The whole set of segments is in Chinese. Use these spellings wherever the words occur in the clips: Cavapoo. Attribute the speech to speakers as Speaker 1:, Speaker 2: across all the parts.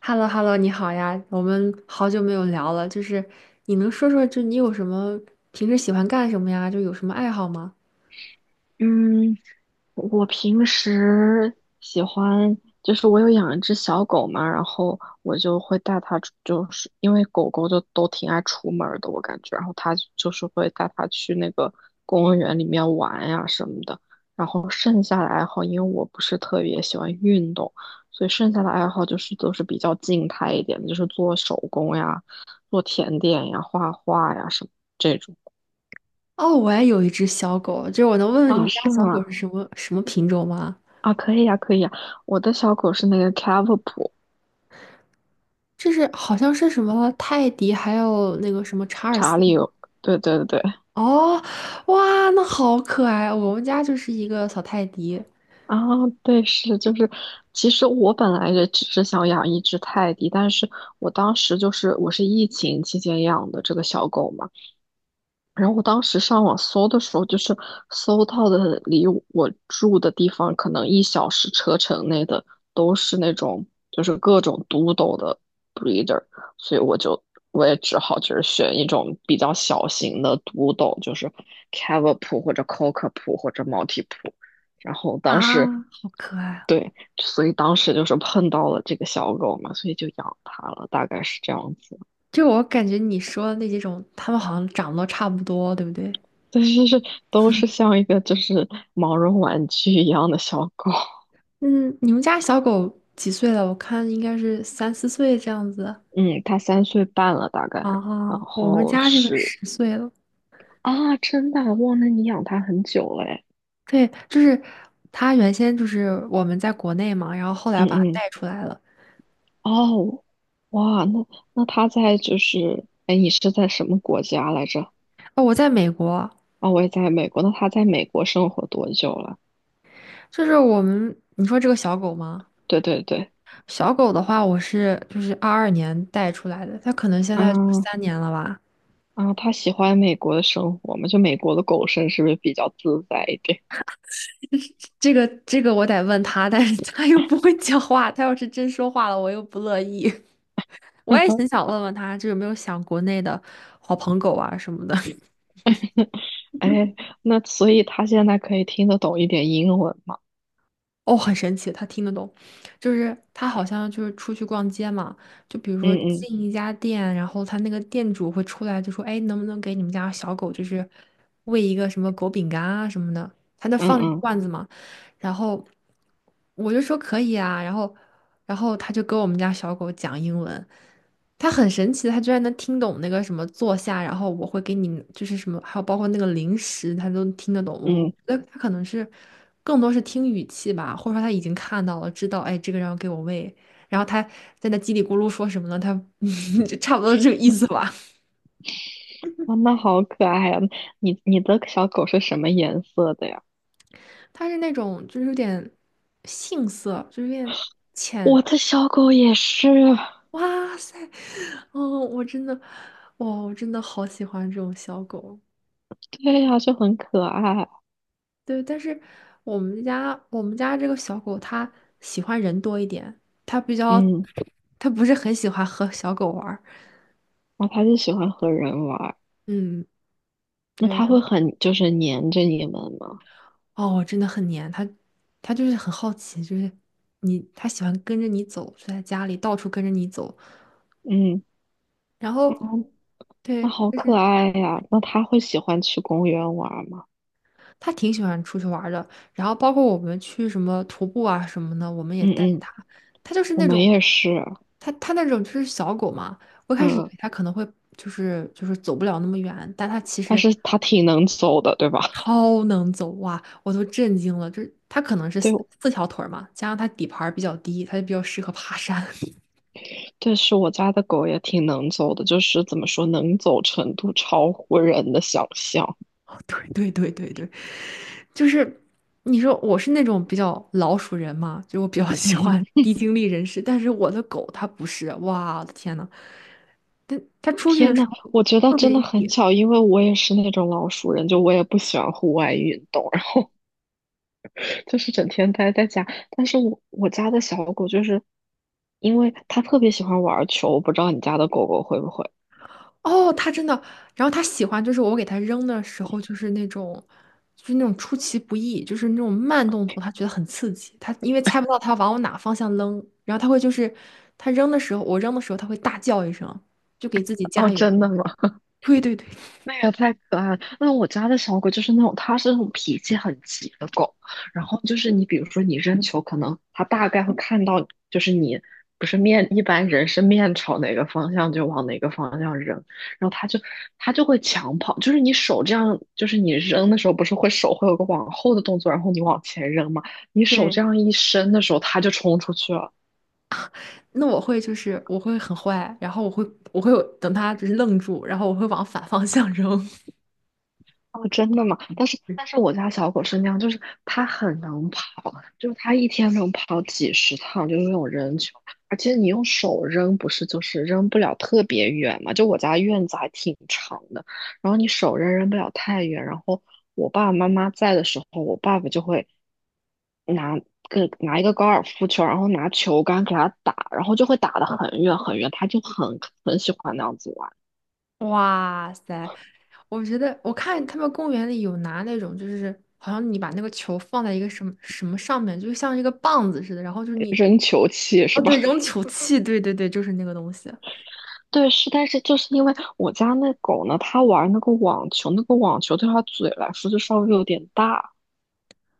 Speaker 1: h e l l o h e l l o 你好呀，我们好久没有聊了，就是你能说说，就你有什么平时喜欢干什么呀？就有什么爱好吗？
Speaker 2: 嗯，我平时喜欢，就是我有养一只小狗嘛，然后我就会带它就是因为狗狗就都挺爱出门儿的，我感觉，然后它就是会带它去那个公园里面玩呀什么的。然后剩下的爱好，因为我不是特别喜欢运动，所以剩下的爱好就是都是比较静态一点的，就是做手工呀、做甜点呀、画画呀什么这种。
Speaker 1: 哦，我也有一只小狗，就是我能问问你
Speaker 2: 啊，
Speaker 1: 们家
Speaker 2: 是
Speaker 1: 小狗
Speaker 2: 吗？
Speaker 1: 是什么什么品种吗？
Speaker 2: 啊，可以呀，可以呀。我的小狗是那个 Cavapoo，
Speaker 1: 就是好像是什么泰迪，还有那个什么查尔斯
Speaker 2: 查理，
Speaker 1: 吗？
Speaker 2: 对对对，
Speaker 1: 哦，哇，那好可爱！我们家就是一个小泰迪
Speaker 2: 啊，对，是就是，其实我本来也只是想养一只泰迪，但是我当时就是我是疫情期间养的这个小狗嘛，然后我当时上网搜的时候，就是搜到的离我住的地方可能一小时车程内的都是那种就是各种 d 斗的 breeder，所以我也只好就是选一种比较小型的 d 斗，就是 c a v a p 或者 c o c k a p o 或者 Maltipoo。然后当
Speaker 1: 啊，
Speaker 2: 时
Speaker 1: 好可爱啊！
Speaker 2: 对，所以当时就是碰到了这个小狗嘛，所以就养它了，大概是这样子。
Speaker 1: 就我感觉你说的那几种，它们好像长得都差不多，对不对？
Speaker 2: 但是是都是像一个就是毛绒玩具一样的小狗。
Speaker 1: 嗯，你们家小狗几岁了？我看应该是三四岁这样子。
Speaker 2: 嗯，它3岁半了大概，然
Speaker 1: 啊。我们
Speaker 2: 后
Speaker 1: 家这个
Speaker 2: 是
Speaker 1: 十岁了。
Speaker 2: 啊，真的忘了你养它很久了诶。
Speaker 1: 对，就是它原先就是我们在国内嘛，然后后来
Speaker 2: 嗯
Speaker 1: 把它
Speaker 2: 嗯，
Speaker 1: 带出来了。
Speaker 2: 哦，哇，那它在就是，哎，你是在什么国家来着？
Speaker 1: 哦，我在美国，
Speaker 2: 啊，我也在美国。那它在美国生活多久了？
Speaker 1: 就是我们，你说这个小狗吗？
Speaker 2: 对对对，
Speaker 1: 小狗的话，我是就是22年带出来的，它可能现在就是
Speaker 2: 嗯。
Speaker 1: 3年了吧。
Speaker 2: 啊，它喜欢美国的生活吗？就美国的狗生是不是比较自在一点？
Speaker 1: 这个我得问它，但是它又不会讲话，它要是真说话了，我又不乐意。我也 很想问问他，就有没有想国内的好朋狗啊什么的。
Speaker 2: 哎，那所以他现在可以听得懂一点英文吗？
Speaker 1: 哦，很神奇，他听得懂，就是他好像就是出去逛街嘛，就比如
Speaker 2: 嗯
Speaker 1: 说
Speaker 2: 嗯
Speaker 1: 进一家店，然后他那个店主会出来就说：“哎，能不能给你们家小狗就是喂一个什么狗饼干啊什么的？”他那放着一个
Speaker 2: 嗯
Speaker 1: 罐子嘛，然后我就说可以啊，然后他就跟我们家小狗讲英文。它很神奇的，它居然能听懂那个什么坐下，然后我会给你就是什么，还有包括那个零食，它都听得懂。我
Speaker 2: 嗯
Speaker 1: 觉得它可能是更多是听语气吧，或者说他已经看到了，知道哎这个人要给我喂，然后他在那叽里咕噜说什么呢？他 就差不多这个意思
Speaker 2: 嗯，
Speaker 1: 吧。
Speaker 2: 哇，那好可爱呀！你你的小狗是什么颜色的呀？
Speaker 1: 他是那种就是有点杏色，就是有点浅。
Speaker 2: 我的小狗也是，
Speaker 1: 哇塞，哦，我真的，哇，我真的好喜欢这种小狗。
Speaker 2: 对呀，就很可爱。
Speaker 1: 对，但是我们家这个小狗它喜欢人多一点，它比较
Speaker 2: 嗯，
Speaker 1: 它不是很喜欢和小狗玩儿。
Speaker 2: 然后它就喜欢和人玩儿。
Speaker 1: 嗯，
Speaker 2: 那
Speaker 1: 对，然
Speaker 2: 它会很就是黏着你们吗？
Speaker 1: 后哦，真的很黏它，它就是很好奇，就是它喜欢跟着你走，就在家里到处跟着你走。
Speaker 2: 嗯，
Speaker 1: 然后
Speaker 2: 哦，那
Speaker 1: 对，
Speaker 2: 好
Speaker 1: 就
Speaker 2: 可
Speaker 1: 是
Speaker 2: 爱呀！那它会喜欢去公园玩儿吗？
Speaker 1: 他挺喜欢出去玩儿的，然后包括我们去什么徒步啊什么的，我们也
Speaker 2: 嗯
Speaker 1: 带着
Speaker 2: 嗯，
Speaker 1: 他。他就是
Speaker 2: 我
Speaker 1: 那
Speaker 2: 们
Speaker 1: 种，
Speaker 2: 也是，
Speaker 1: 他那种就是小狗嘛，我一开始以为
Speaker 2: 嗯，
Speaker 1: 他可能会就是走不了那么远，但他其
Speaker 2: 但
Speaker 1: 实
Speaker 2: 是它挺能走的，对吧？
Speaker 1: 超能走哇，我都震惊了。就是他可能是
Speaker 2: 对，
Speaker 1: 四条腿儿嘛，加上他底盘儿比较低，他就比较适合爬山。
Speaker 2: 对，是我家的狗也挺能走的，就是怎么说，能走程度超乎人的想象。
Speaker 1: 哦，对对对对对，就是你说我是那种比较老鼠人嘛，就我比较喜
Speaker 2: 嗯嗯，
Speaker 1: 欢 低精力人士，但是我的狗它不是，哇，我的天呐！他他出去的
Speaker 2: 天
Speaker 1: 时
Speaker 2: 呐，
Speaker 1: 候
Speaker 2: 我觉得
Speaker 1: 特
Speaker 2: 真的
Speaker 1: 别
Speaker 2: 很
Speaker 1: 野。
Speaker 2: 巧，因为我也是那种老熟人，就我也不喜欢户外运动，然后就是整天待在家。但是我我家的小狗就是，因为它特别喜欢玩球，我不知道你家的狗狗会不会。
Speaker 1: 哦，他真的，然后他喜欢就是我给他扔的时候，就是那种，就是那种出其不意，就是那种慢动作，他觉得很刺激。他因为猜不到他往我哪方向扔，然后他会就是他扔的时候，我扔的时候，他会大叫一声，就给自己
Speaker 2: 哦，
Speaker 1: 加油。
Speaker 2: 真的吗？
Speaker 1: 对对对
Speaker 2: 那个太可爱了。那我家的小狗就是那种，它是那种脾气很急的狗。然后就是你，比如说你扔球，可能它大概会看到，就是你不是面，一般人是面朝哪个方向就往哪个方向扔，然后它就会抢跑。就是你手这样，就是你扔的时候不是会手会有个往后的动作，然后你往前扔嘛，你手这
Speaker 1: 对，
Speaker 2: 样一伸的时候，它就冲出去了。
Speaker 1: 那我会很坏，然后我会有等他就是愣住，然后我会往反方向扔。
Speaker 2: 哦，真的吗？但是但 是我家小狗是那样，就是它很能跑，就是它一天能跑几十趟，就是那种扔球，而且你用手扔，不是就是扔不了特别远嘛？就我家院子还挺长的，然后你手扔扔不了太远，然后我爸爸妈妈在的时候，我爸爸就会拿拿一个高尔夫球，然后拿球杆给它打，然后就会打得很远很远，它就很很喜欢那样子玩，
Speaker 1: 哇塞，我觉得我看他们公园里有拿那种，就是好像你把那个球放在一个什么什么上面，就像一个棒子似的，然后就是你，
Speaker 2: 扔球器
Speaker 1: 哦
Speaker 2: 是吧？
Speaker 1: 对，扔球器，对对对，就是那个东西。
Speaker 2: 对，是，但是就是因为我家那狗呢，它玩那个网球，那个网球对它嘴来说就稍微有点大，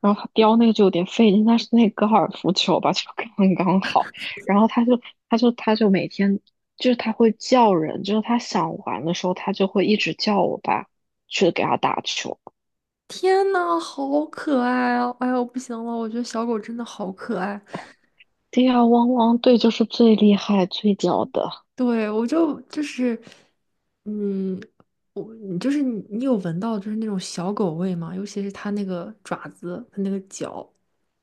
Speaker 2: 然后它叼那个就有点费劲，但是那个高尔夫球吧 就刚刚好，然后它就每天就是它会叫人，就是它想玩的时候，它就会一直叫我爸去给它打球。
Speaker 1: 天呐，好可爱啊！哎呦，不行了，我觉得小狗真的好可爱。
Speaker 2: 对呀，汪汪队就是最厉害最屌的。
Speaker 1: 对，我就就是，嗯，你就是你有闻到就是那种小狗味吗？尤其是它那个爪子，它那个脚。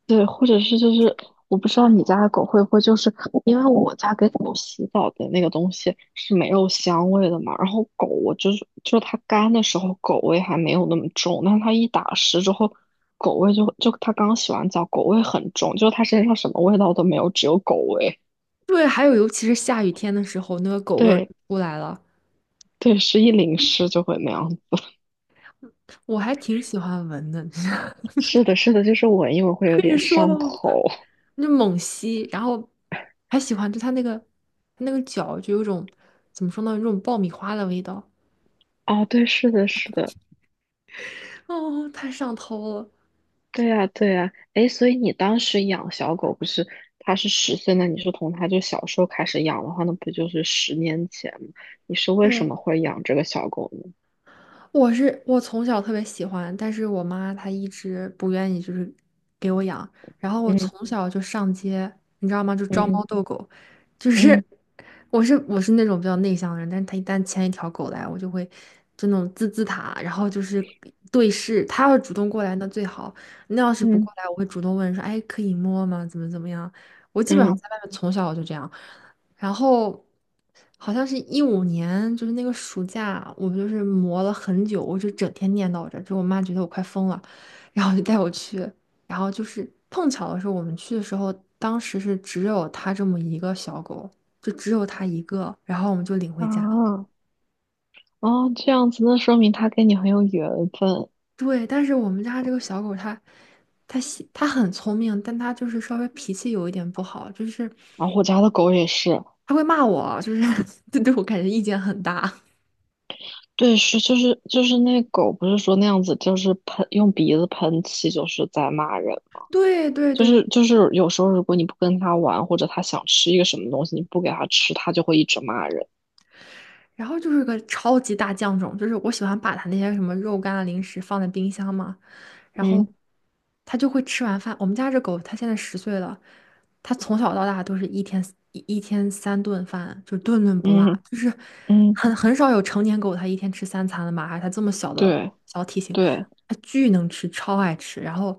Speaker 2: 对，或者是就是我不知道你家的狗会不会就是因为我家给狗洗澡的那个东西是没有香味的嘛，然后狗我就是它干的时候狗味还没有那么重，但是它一打湿之后狗味就它刚洗完澡狗味很重，就是它身上什么味道都没有，只有狗味。
Speaker 1: 对，还有尤其是下雨天的时候，那个狗味儿就
Speaker 2: 对
Speaker 1: 出来了。
Speaker 2: 对，是一淋湿就会那样子。
Speaker 1: 我还挺喜欢闻的，
Speaker 2: 是的，是的，就是闻一闻会有
Speaker 1: 可以
Speaker 2: 点
Speaker 1: 说
Speaker 2: 上
Speaker 1: 了吗？
Speaker 2: 头。
Speaker 1: 那猛吸，然后还喜欢就它那个脚就有种怎么说呢，有种爆米花的味道，
Speaker 2: 哦，对，是的，是的。
Speaker 1: 哦，太上头了。
Speaker 2: 对呀，对呀，哎，所以你当时养小狗不是它是10岁那你是从它就小时候开始养的话，那不就是10年前吗？你是为什
Speaker 1: 对，
Speaker 2: 么会养这个小狗呢？
Speaker 1: 我从小特别喜欢，但是我妈她一直不愿意，就是给我养。然后我
Speaker 2: 嗯
Speaker 1: 从小就上街，你知道吗？就招
Speaker 2: 嗯
Speaker 1: 猫逗狗，就是
Speaker 2: 嗯
Speaker 1: 我是那种比较内向的人，但是她一旦牵一条狗来，我就会就那种滋滋它，然后就是对视。她要是主动过来那最好，那要是不
Speaker 2: 嗯
Speaker 1: 过来，我会主动问说，哎，可以摸吗？怎么样？我基本上
Speaker 2: 嗯，
Speaker 1: 在外面从小我就这样。然后好像是15年，就是那个暑假，我们就是磨了很久，我就整天念叨着，就我妈觉得我快疯了，然后就带我去，然后就是碰巧的是我们去的时候，当时是只有它这么一个小狗，就只有它一个，然后我们就领回家了。
Speaker 2: 啊，哦，这样子，那说明它跟你很有缘分。
Speaker 1: 对，但是我们家这个小狗它很聪明，但它就是稍微脾气有一点不好，就是
Speaker 2: 然后我家的狗也是，
Speaker 1: 它会骂我，就是 就对我感觉意见很大。
Speaker 2: 对，是就是那狗不是说那样子，就是喷用鼻子喷气，就是在骂人
Speaker 1: 对对
Speaker 2: 就
Speaker 1: 对对。
Speaker 2: 是就是有时候如果你不跟他玩，或者他想吃一个什么东西，你不给他吃，他就会一直骂人。
Speaker 1: 然后就是个超级大酱种，就是我喜欢把它那些什么肉干啊、零食放在冰箱嘛，然后
Speaker 2: 嗯
Speaker 1: 它就会吃完饭。我们家这狗它现在十岁了，它从小到大都是一天三顿饭，就顿顿不落，
Speaker 2: 嗯
Speaker 1: 就是
Speaker 2: 嗯，
Speaker 1: 很少有成年狗它一天吃三餐的嘛，而它这么小的
Speaker 2: 对
Speaker 1: 小体型，
Speaker 2: 对，
Speaker 1: 它巨能吃，超爱吃。然后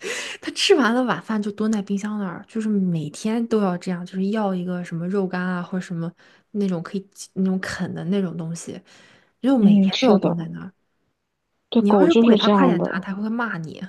Speaker 1: 它吃完了晚饭就蹲在冰箱那儿，就是每天都要这样，就是要一个什么肉干啊，或者什么那种可以那种啃的那种东西，就每
Speaker 2: 嗯，
Speaker 1: 天都要
Speaker 2: 是的，
Speaker 1: 蹲在那儿。
Speaker 2: 对，
Speaker 1: 你要
Speaker 2: 狗
Speaker 1: 是
Speaker 2: 就
Speaker 1: 不给
Speaker 2: 是
Speaker 1: 它
Speaker 2: 这
Speaker 1: 快
Speaker 2: 样
Speaker 1: 点拿，
Speaker 2: 的。
Speaker 1: 它会骂你。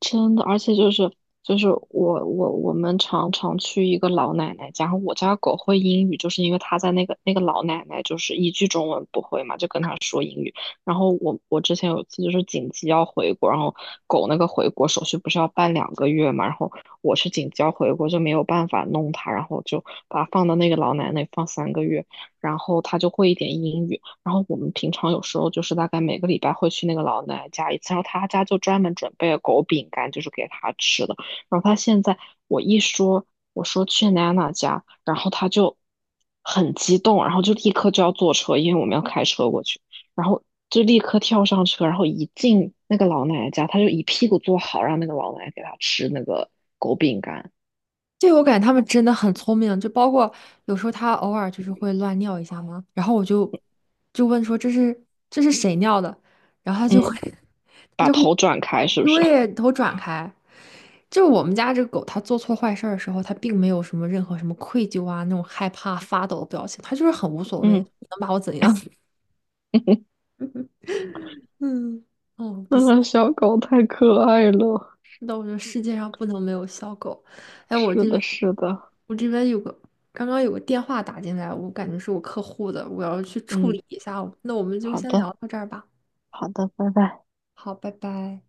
Speaker 2: 真的，而且就是就是我们常常去一个老奶奶家，然后我家狗会英语，就是因为它在那个那个老奶奶就是一句中文不会嘛，就跟她说英语。然后我之前有一次就是紧急要回国，然后狗那个回国手续不是要办2个月嘛，然后我是紧急要回国就没有办法弄它，然后就把它放到那个老奶奶放3个月，然后它就会一点英语。然后我们平常有时候就是大概每个礼拜会去那个老奶奶家一次，然后她家就专门准备了狗饼干，就是给她吃的。然后她现在我一说我说去娜娜家，然后她就很激动，然后就立刻就要坐车，因为我们要开车过去，然后就立刻跳上车，然后一进那个老奶奶家，她就一屁股坐好，让那个老奶奶给她吃那个狗饼干。
Speaker 1: 对，我感觉他们真的很聪明，就包括有时候他偶尔就是会乱尿一下嘛，然后我就问说这是谁尿的，然后他就会
Speaker 2: 嗯，
Speaker 1: 他
Speaker 2: 把
Speaker 1: 就会
Speaker 2: 头转开是不是？
Speaker 1: 对头转开。就是我们家这个狗，它做错坏事儿的时候，它并没有什么任何什么愧疚啊那种害怕发抖的表情，它就是很无所谓，
Speaker 2: 嗯，
Speaker 1: 能把我怎样？嗯，哦，不行。
Speaker 2: 那小狗太可爱了。
Speaker 1: 是我觉得世界上不能没有小狗。哎，我
Speaker 2: 是
Speaker 1: 这
Speaker 2: 的，
Speaker 1: 边
Speaker 2: 是的，
Speaker 1: 我这边刚刚有个电话打进来，我感觉是我客户的，我要去处
Speaker 2: 嗯，
Speaker 1: 理一下哦。那我们就
Speaker 2: 好
Speaker 1: 先聊
Speaker 2: 的，
Speaker 1: 到这儿吧。
Speaker 2: 好的，拜拜。
Speaker 1: 好，拜拜。